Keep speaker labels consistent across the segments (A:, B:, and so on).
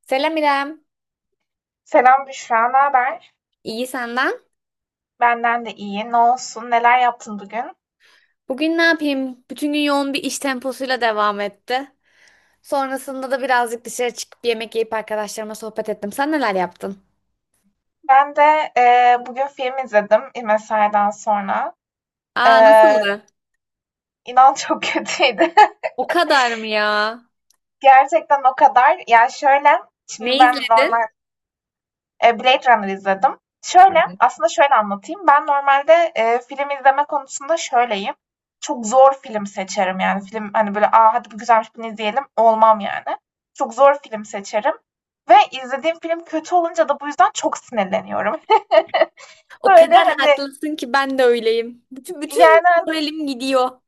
A: Selam İrem.
B: Selam Büşra, ne haber?
A: İyi senden.
B: Benden de iyi. Ne olsun? Neler yaptın bugün?
A: Bugün ne yapayım? Bütün gün yoğun bir iş temposuyla devam etti. Sonrasında da birazcık dışarı çıkıp yemek yiyip arkadaşlarıma sohbet ettim. Sen neler yaptın?
B: Ben de bugün film izledim mesaiden sonra. E,
A: Aa, nasıldı?
B: inan çok kötüydü.
A: O kadar mı ya?
B: Gerçekten o kadar. Ya şöyle, şimdi
A: Ne
B: ben
A: izledin?
B: normal. Blade Runner izledim. Şöyle, aslında şöyle anlatayım. Ben normalde, film izleme konusunda şöyleyim. Çok zor film seçerim yani. Film, hani, böyle, "A, hadi bu güzelmiş, bunu izleyelim." olmam yani. Çok zor film seçerim ve izlediğim film kötü olunca da bu yüzden çok sinirleniyorum.
A: O
B: Öyle
A: kadar
B: hani,
A: haklısın ki ben de öyleyim. Bütün bütün
B: yani, hani,
A: moralim gidiyor.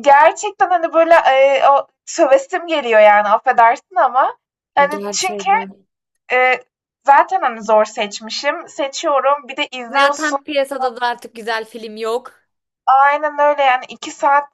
B: gerçekten, hani, böyle, o sövesim geliyor yani, affedersin ama. Hani, çünkü,
A: Gerçekten.
B: eee, zaten, hani, zor seçmişim, seçiyorum, bir de izliyorsun.
A: Zaten piyasada da artık güzel film yok.
B: Aynen öyle, yani 2 saat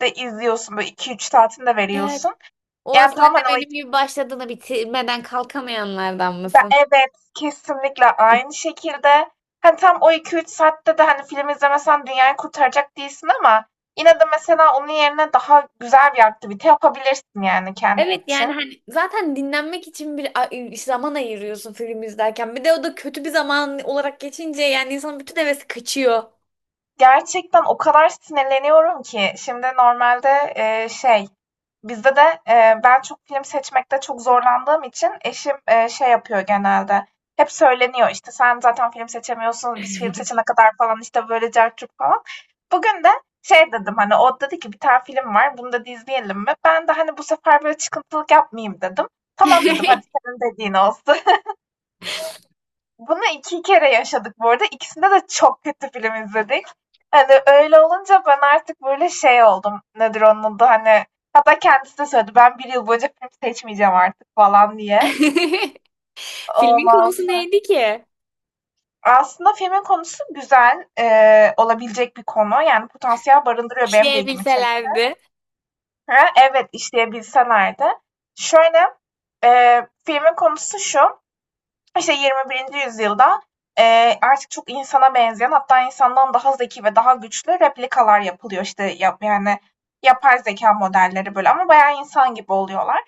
B: de izliyorsun, böyle iki üç saatini de
A: Evet.
B: veriyorsun.
A: O
B: Yani
A: sen
B: tam
A: de
B: hani o
A: benim
B: iki
A: gibi başladığını bitirmeden kalkamayanlardan
B: be
A: mısın?
B: evet, kesinlikle aynı şekilde, hani tam o iki üç saatte de hani film izlemesen dünyayı kurtaracak değilsin, ama yine de mesela onun yerine daha güzel bir aktivite yapabilirsin yani kendin
A: Evet, yani
B: için.
A: hani zaten dinlenmek için zaman ayırıyorsun film izlerken. Bir de o da kötü bir zaman olarak geçince yani insanın bütün hevesi kaçıyor.
B: Gerçekten o kadar sinirleniyorum ki, şimdi normalde, şey, bizde de, ben çok film seçmekte çok zorlandığım için eşim, şey yapıyor genelde, hep söyleniyor, işte, "Sen zaten film seçemiyorsun, biz film seçene kadar" falan, işte, böyle cart curt falan. Bugün de şey dedim, hani, o dedi ki, "Bir tane film var, bunu da izleyelim mi?" Ben de, hani, bu sefer böyle çıkıntılık yapmayayım dedim. "Tamam." dedim, "Hadi senin dediğin olsun." Bunu iki kere yaşadık bu arada. İkisinde de çok kötü film izledik. Hani öyle olunca ben artık böyle şey oldum. Nedir onun da hani. Hatta kendisi de söyledi. Ben bir yıl boyunca film seçmeyeceğim artık falan diye.
A: Filmin
B: Olmaz.
A: konusu neydi ki?
B: Aslında filmin konusu güzel olabilecek bir konu. Yani potansiyel barındırıyor, benim de ilgimi çekti.
A: İşleyebilselerdi.
B: Ha, evet, işleyebilseler de. Şöyle filmin konusu şu. İşte 21. yüzyılda e, artık çok insana benzeyen, hatta insandan daha zeki ve daha güçlü replikalar yapılıyor, işte yani yapay zeka modelleri, böyle ama bayağı insan gibi oluyorlar.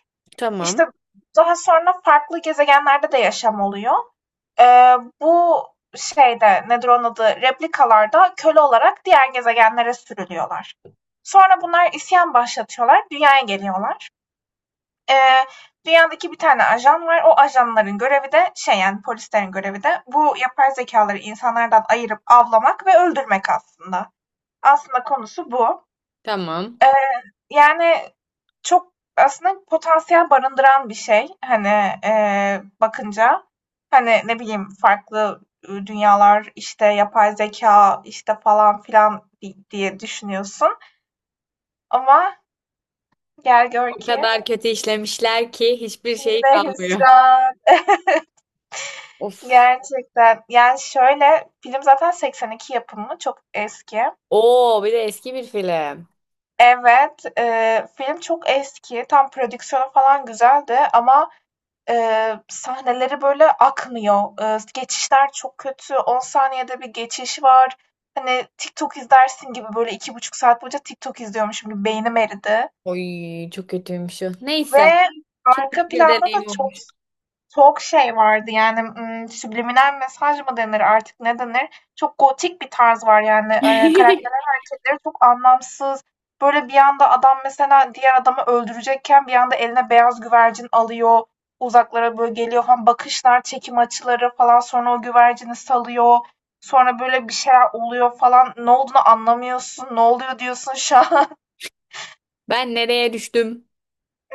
B: İşte
A: Tamam.
B: daha sonra farklı gezegenlerde de yaşam oluyor. E, bu şeyde, nedir onun adı, replikalarda, köle olarak diğer gezegenlere sürülüyorlar. Sonra bunlar isyan başlatıyorlar, dünyaya geliyorlar. Eee, dünyadaki bir tane ajan var. O ajanların görevi de şey, yani polislerin görevi de, bu yapay zekaları insanlardan ayırıp avlamak ve öldürmek aslında. Aslında konusu bu.
A: Tamam.
B: Eee, yani çok aslında potansiyel barındıran bir şey. Hani bakınca hani ne bileyim farklı dünyalar, işte yapay zeka işte falan filan diye düşünüyorsun. Ama gel gör
A: O
B: ki
A: kadar kötü işlemişler ki hiçbir şeyi
B: yine
A: kalmıyor.
B: hüsran.
A: Of.
B: Gerçekten. Yani, şöyle, film zaten 82 yapımı, çok eski.
A: Oo, bir de eski bir film.
B: Evet, film çok eski, tam prodüksiyonu falan güzeldi ama, sahneleri böyle akmıyor. Geçişler çok kötü, 10 saniyede bir geçiş var. Hani, TikTok izlersin gibi, böyle 2,5 saat boyunca TikTok izliyormuşum gibi beynim eridi
A: Oy, çok kötüymüş o. Neyse.
B: ve
A: Çok kötü
B: arka
A: bir
B: planda da
A: deneyim
B: çok.
A: olmuş.
B: Çok şey vardı yani, subliminal mesaj mı denir artık, ne denir? Çok gotik bir tarz var yani, karakterlerin hareketleri çok anlamsız. Böyle bir anda adam mesela diğer adamı öldürecekken bir anda eline beyaz güvercin alıyor, uzaklara böyle geliyor falan, bakışlar, çekim açıları falan, sonra o güvercini salıyor. Sonra böyle bir şeyler oluyor falan. Ne olduğunu anlamıyorsun, ne oluyor diyorsun şu an.
A: Ben nereye düştüm?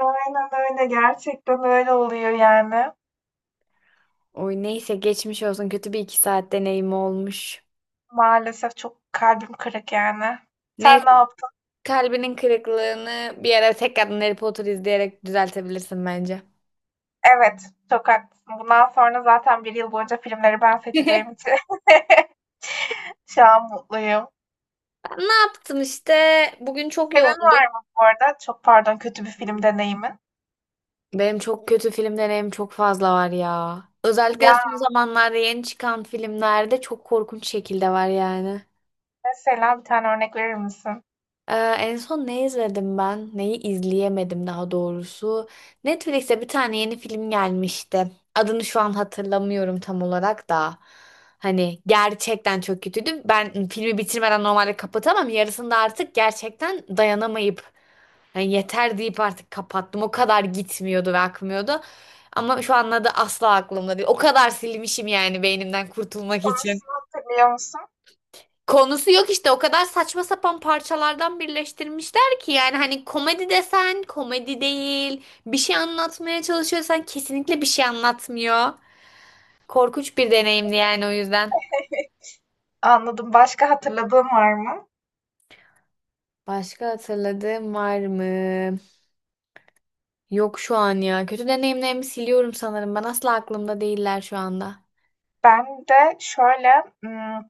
B: Aynen öyle, gerçekten öyle oluyor yani.
A: Oy, neyse, geçmiş olsun, kötü bir iki saat deneyim olmuş.
B: Maalesef çok kalbim kırık yani.
A: Neyse,
B: Sen ne yaptın?
A: kalbinin kırıklığını bir ara tekrardan Harry Potter izleyerek düzeltebilirsin bence.
B: Evet, çok haklısın. Bundan sonra zaten bir yıl boyunca filmleri ben seçeceğim için şu an mutluyum.
A: Ben ne yaptım işte, bugün çok
B: Senin
A: yoğundum.
B: var mı bu arada? Çok pardon, kötü bir film deneyimin.
A: Benim çok kötü film deneyim çok fazla var ya. Özellikle
B: Ya
A: son zamanlarda yeni çıkan filmlerde çok korkunç şekilde var yani.
B: mesela bir tane örnek verir misin?
A: Ee, En son ne izledim ben? Neyi izleyemedim daha doğrusu. Netflix'te bir tane yeni film gelmişti. Adını şu an hatırlamıyorum tam olarak da. Hani gerçekten çok kötüydü. Ben filmi bitirmeden normalde kapatamam. Yarısında artık gerçekten dayanamayıp yani yeter deyip artık kapattım. O kadar gitmiyordu ve akmıyordu. Ama şu an adı asla aklımda değil. O kadar silmişim yani beynimden kurtulmak için.
B: Konusunu hatırlıyor musun?
A: Konusu yok işte, o kadar saçma sapan parçalardan birleştirmişler ki yani hani komedi desen komedi değil, bir şey anlatmaya çalışıyorsan kesinlikle bir şey anlatmıyor. Korkunç bir deneyimdi yani o yüzden.
B: Anladım. Başka hatırladığın var mı?
A: Başka hatırladığım var mı? Yok şu an ya. Kötü deneyimlerimi siliyorum sanırım. Ben asla aklımda değiller şu anda.
B: Ben de şöyle,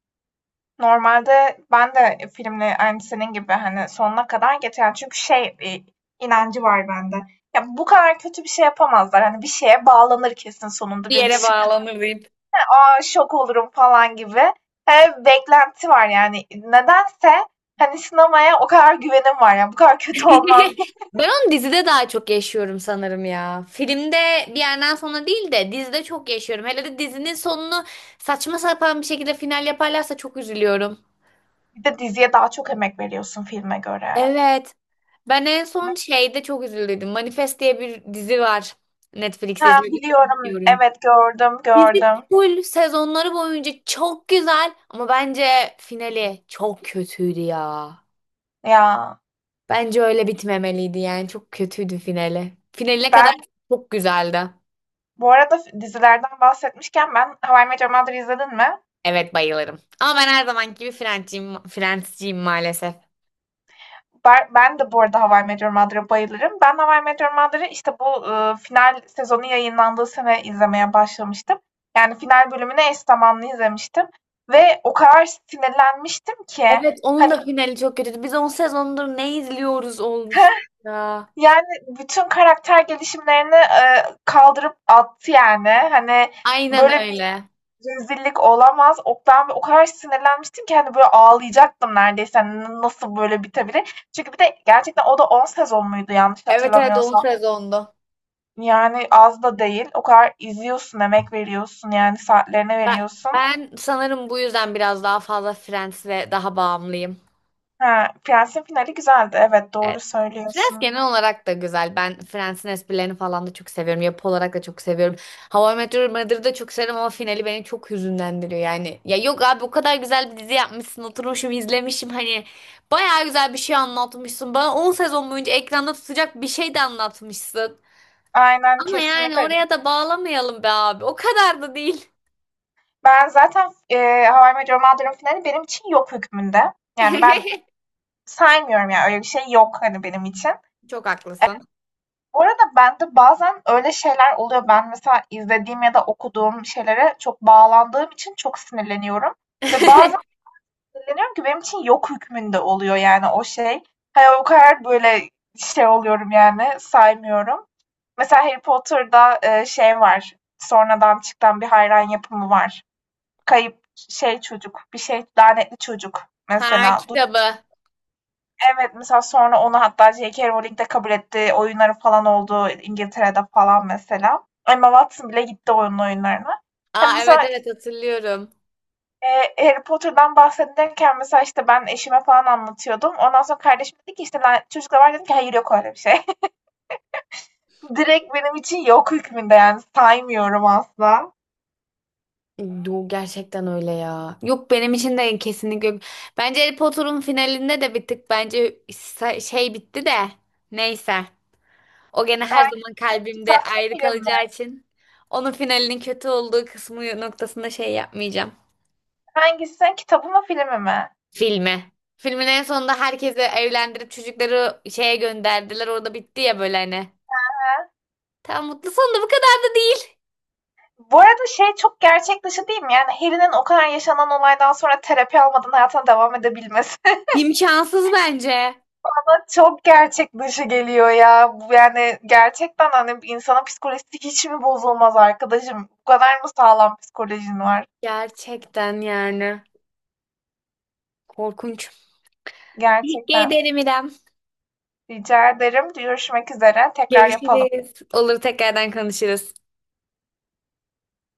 B: normalde ben de filmle aynı senin gibi, hani, sonuna kadar getiren, çünkü şey, inancı var bende. Ya, bu kadar kötü bir şey yapamazlar. Hani, bir şeye bağlanır kesin sonunda,
A: Bir
B: bir
A: yere
B: sürpriz.
A: bağlanır diyeyim.
B: Aa, şok olurum." falan gibi. Beklenti var yani. Nedense, hani, sinemaya o kadar güvenim var. Ya, bu kadar kötü olmaz.
A: Ben onu dizide daha çok yaşıyorum sanırım ya. Filmde bir yerden sonra değil de dizide çok yaşıyorum. Hele de dizinin sonunu saçma sapan bir şekilde final yaparlarsa çok üzülüyorum.
B: Bir de diziye daha çok emek veriyorsun filme göre.
A: Evet. Ben en son şeyde çok üzüldüm. Manifest diye bir dizi var. Netflix'te
B: Mesela
A: izledim.
B: biliyorum.
A: Bilmiyorum.
B: Evet, gördüm,
A: Dizi
B: gördüm.
A: full sezonları boyunca çok güzel ama bence finali çok kötüydü ya.
B: Ya,
A: Bence öyle bitmemeliydi, yani çok kötüydü finali. Finali ne kadar
B: ben.
A: çok güzeldi.
B: Bu arada, dizilerden bahsetmişken, ben How I Met Your Mother'ı izledin mi?
A: Evet, bayılırım. Ama ben her zamanki gibi Friends'ciyim maalesef.
B: Ben de bu arada How I Met Your Mother'a bayılırım. Ben How I Met Your Mother'ı işte bu final sezonu yayınlandığı sene izlemeye başlamıştım. Yani final bölümünü eş zamanlı izlemiştim. Ve o kadar sinirlenmiştim ki
A: Evet, onun
B: hani
A: da finali çok kötüydü. Biz 10 sezondur ne izliyoruz olmuştu ya.
B: yani bütün karakter gelişimlerini kaldırıp attı yani. Hani
A: Aynen
B: böyle
A: öyle.
B: rezillik olamaz. Oktan ve o kadar sinirlenmiştim ki hani böyle ağlayacaktım neredeyse. Hani nasıl böyle bitebilir? Çünkü bir de gerçekten o da 10 sezon muydu yanlış
A: Evet, evet, 10
B: hatırlamıyorsam.
A: sezondu.
B: Yani az da değil. O kadar izliyorsun, emek veriyorsun yani saatlerine
A: Ben,
B: veriyorsun.
A: ben sanırım bu yüzden biraz daha fazla Friends'e daha bağımlıyım.
B: Ha, Prens'in finali güzeldi. Evet, doğru
A: Evet. Friends
B: söylüyorsun.
A: genel olarak da güzel. Ben Friends'in esprilerini falan da çok seviyorum. Yapı olarak da çok seviyorum. How I Met Your Mother'ı da çok severim ama finali beni çok hüzünlendiriyor yani. Ya yok abi, o kadar güzel bir dizi yapmışsın. Oturmuşum izlemişim hani. Bayağı güzel bir şey anlatmışsın. Bana 10 sezon boyunca ekranda tutacak bir şey de anlatmışsın.
B: Aynen
A: Ama yani
B: kesinlikle.
A: oraya da bağlamayalım be abi. O kadar da değil.
B: Ben zaten How I Met Your Mother'ın finali benim için yok hükmünde. Yani ben saymıyorum, ya öyle bir şey yok hani benim için.
A: Çok haklısın.
B: Bu arada bende bazen öyle şeyler oluyor. Ben mesela izlediğim ya da okuduğum şeylere çok bağlandığım için çok sinirleniyorum ve bazen sinirleniyorum ki benim için yok hükmünde oluyor yani o şey. Hani o kadar böyle şey oluyorum yani, saymıyorum. Mesela Harry Potter'da, şey var, sonradan çıkan bir hayran yapımı var. Kayıp şey çocuk, bir şey, lanetli çocuk
A: Ha,
B: mesela.
A: kitabı.
B: Evet, mesela sonra onu hatta J.K. Rowling de kabul etti. Oyunları falan oldu İngiltere'de falan mesela. Emma Watson bile gitti onun oyunlarına. Hani
A: Aa,
B: mesela,
A: evet, evet, hatırlıyorum.
B: Harry Potter'dan bahsedilirken, mesela işte ben eşime falan anlatıyordum. Ondan sonra kardeşim dedi ki, işte, "Lan çocukla var", dedim ki, "hayır yok öyle bir şey." Direkt benim için yok hükmünde, yani saymıyorum asla.
A: Yo, gerçekten öyle ya. Yok, benim için de kesinlikle yok. Bence Harry Potter'ın finalinde de bir tık bence şey bitti de neyse. O gene her zaman
B: Hangi, kitap
A: kalbimde
B: mı
A: ayrı
B: film mi?
A: kalacağı için onun finalinin kötü olduğu kısmı noktasında şey yapmayacağım.
B: Hangisi sen, kitabı mı filmi mi?
A: Filmi. Filmin en sonunda herkesi evlendirip çocukları şeye gönderdiler. Orada bitti ya böyle hani.
B: He,
A: Tam mutlu sonunda bu kadar da değil.
B: bu arada şey, çok gerçek dışı değil mi? Yani Harry'nin o kadar yaşanan olaydan sonra terapi almadan hayatına devam edebilmesi
A: İmkansız bence.
B: bana çok gerçek dışı geliyor ya. Bu, yani gerçekten hani insanın psikolojisi hiç mi bozulmaz arkadaşım? Bu kadar mı sağlam psikolojin var?
A: Gerçekten yani. Korkunç. Teşekkür
B: Gerçekten.
A: ederim İrem.
B: Rica ederim. Görüşmek üzere. Tekrar yapalım.
A: Görüşürüz. Olur, tekrardan konuşuruz.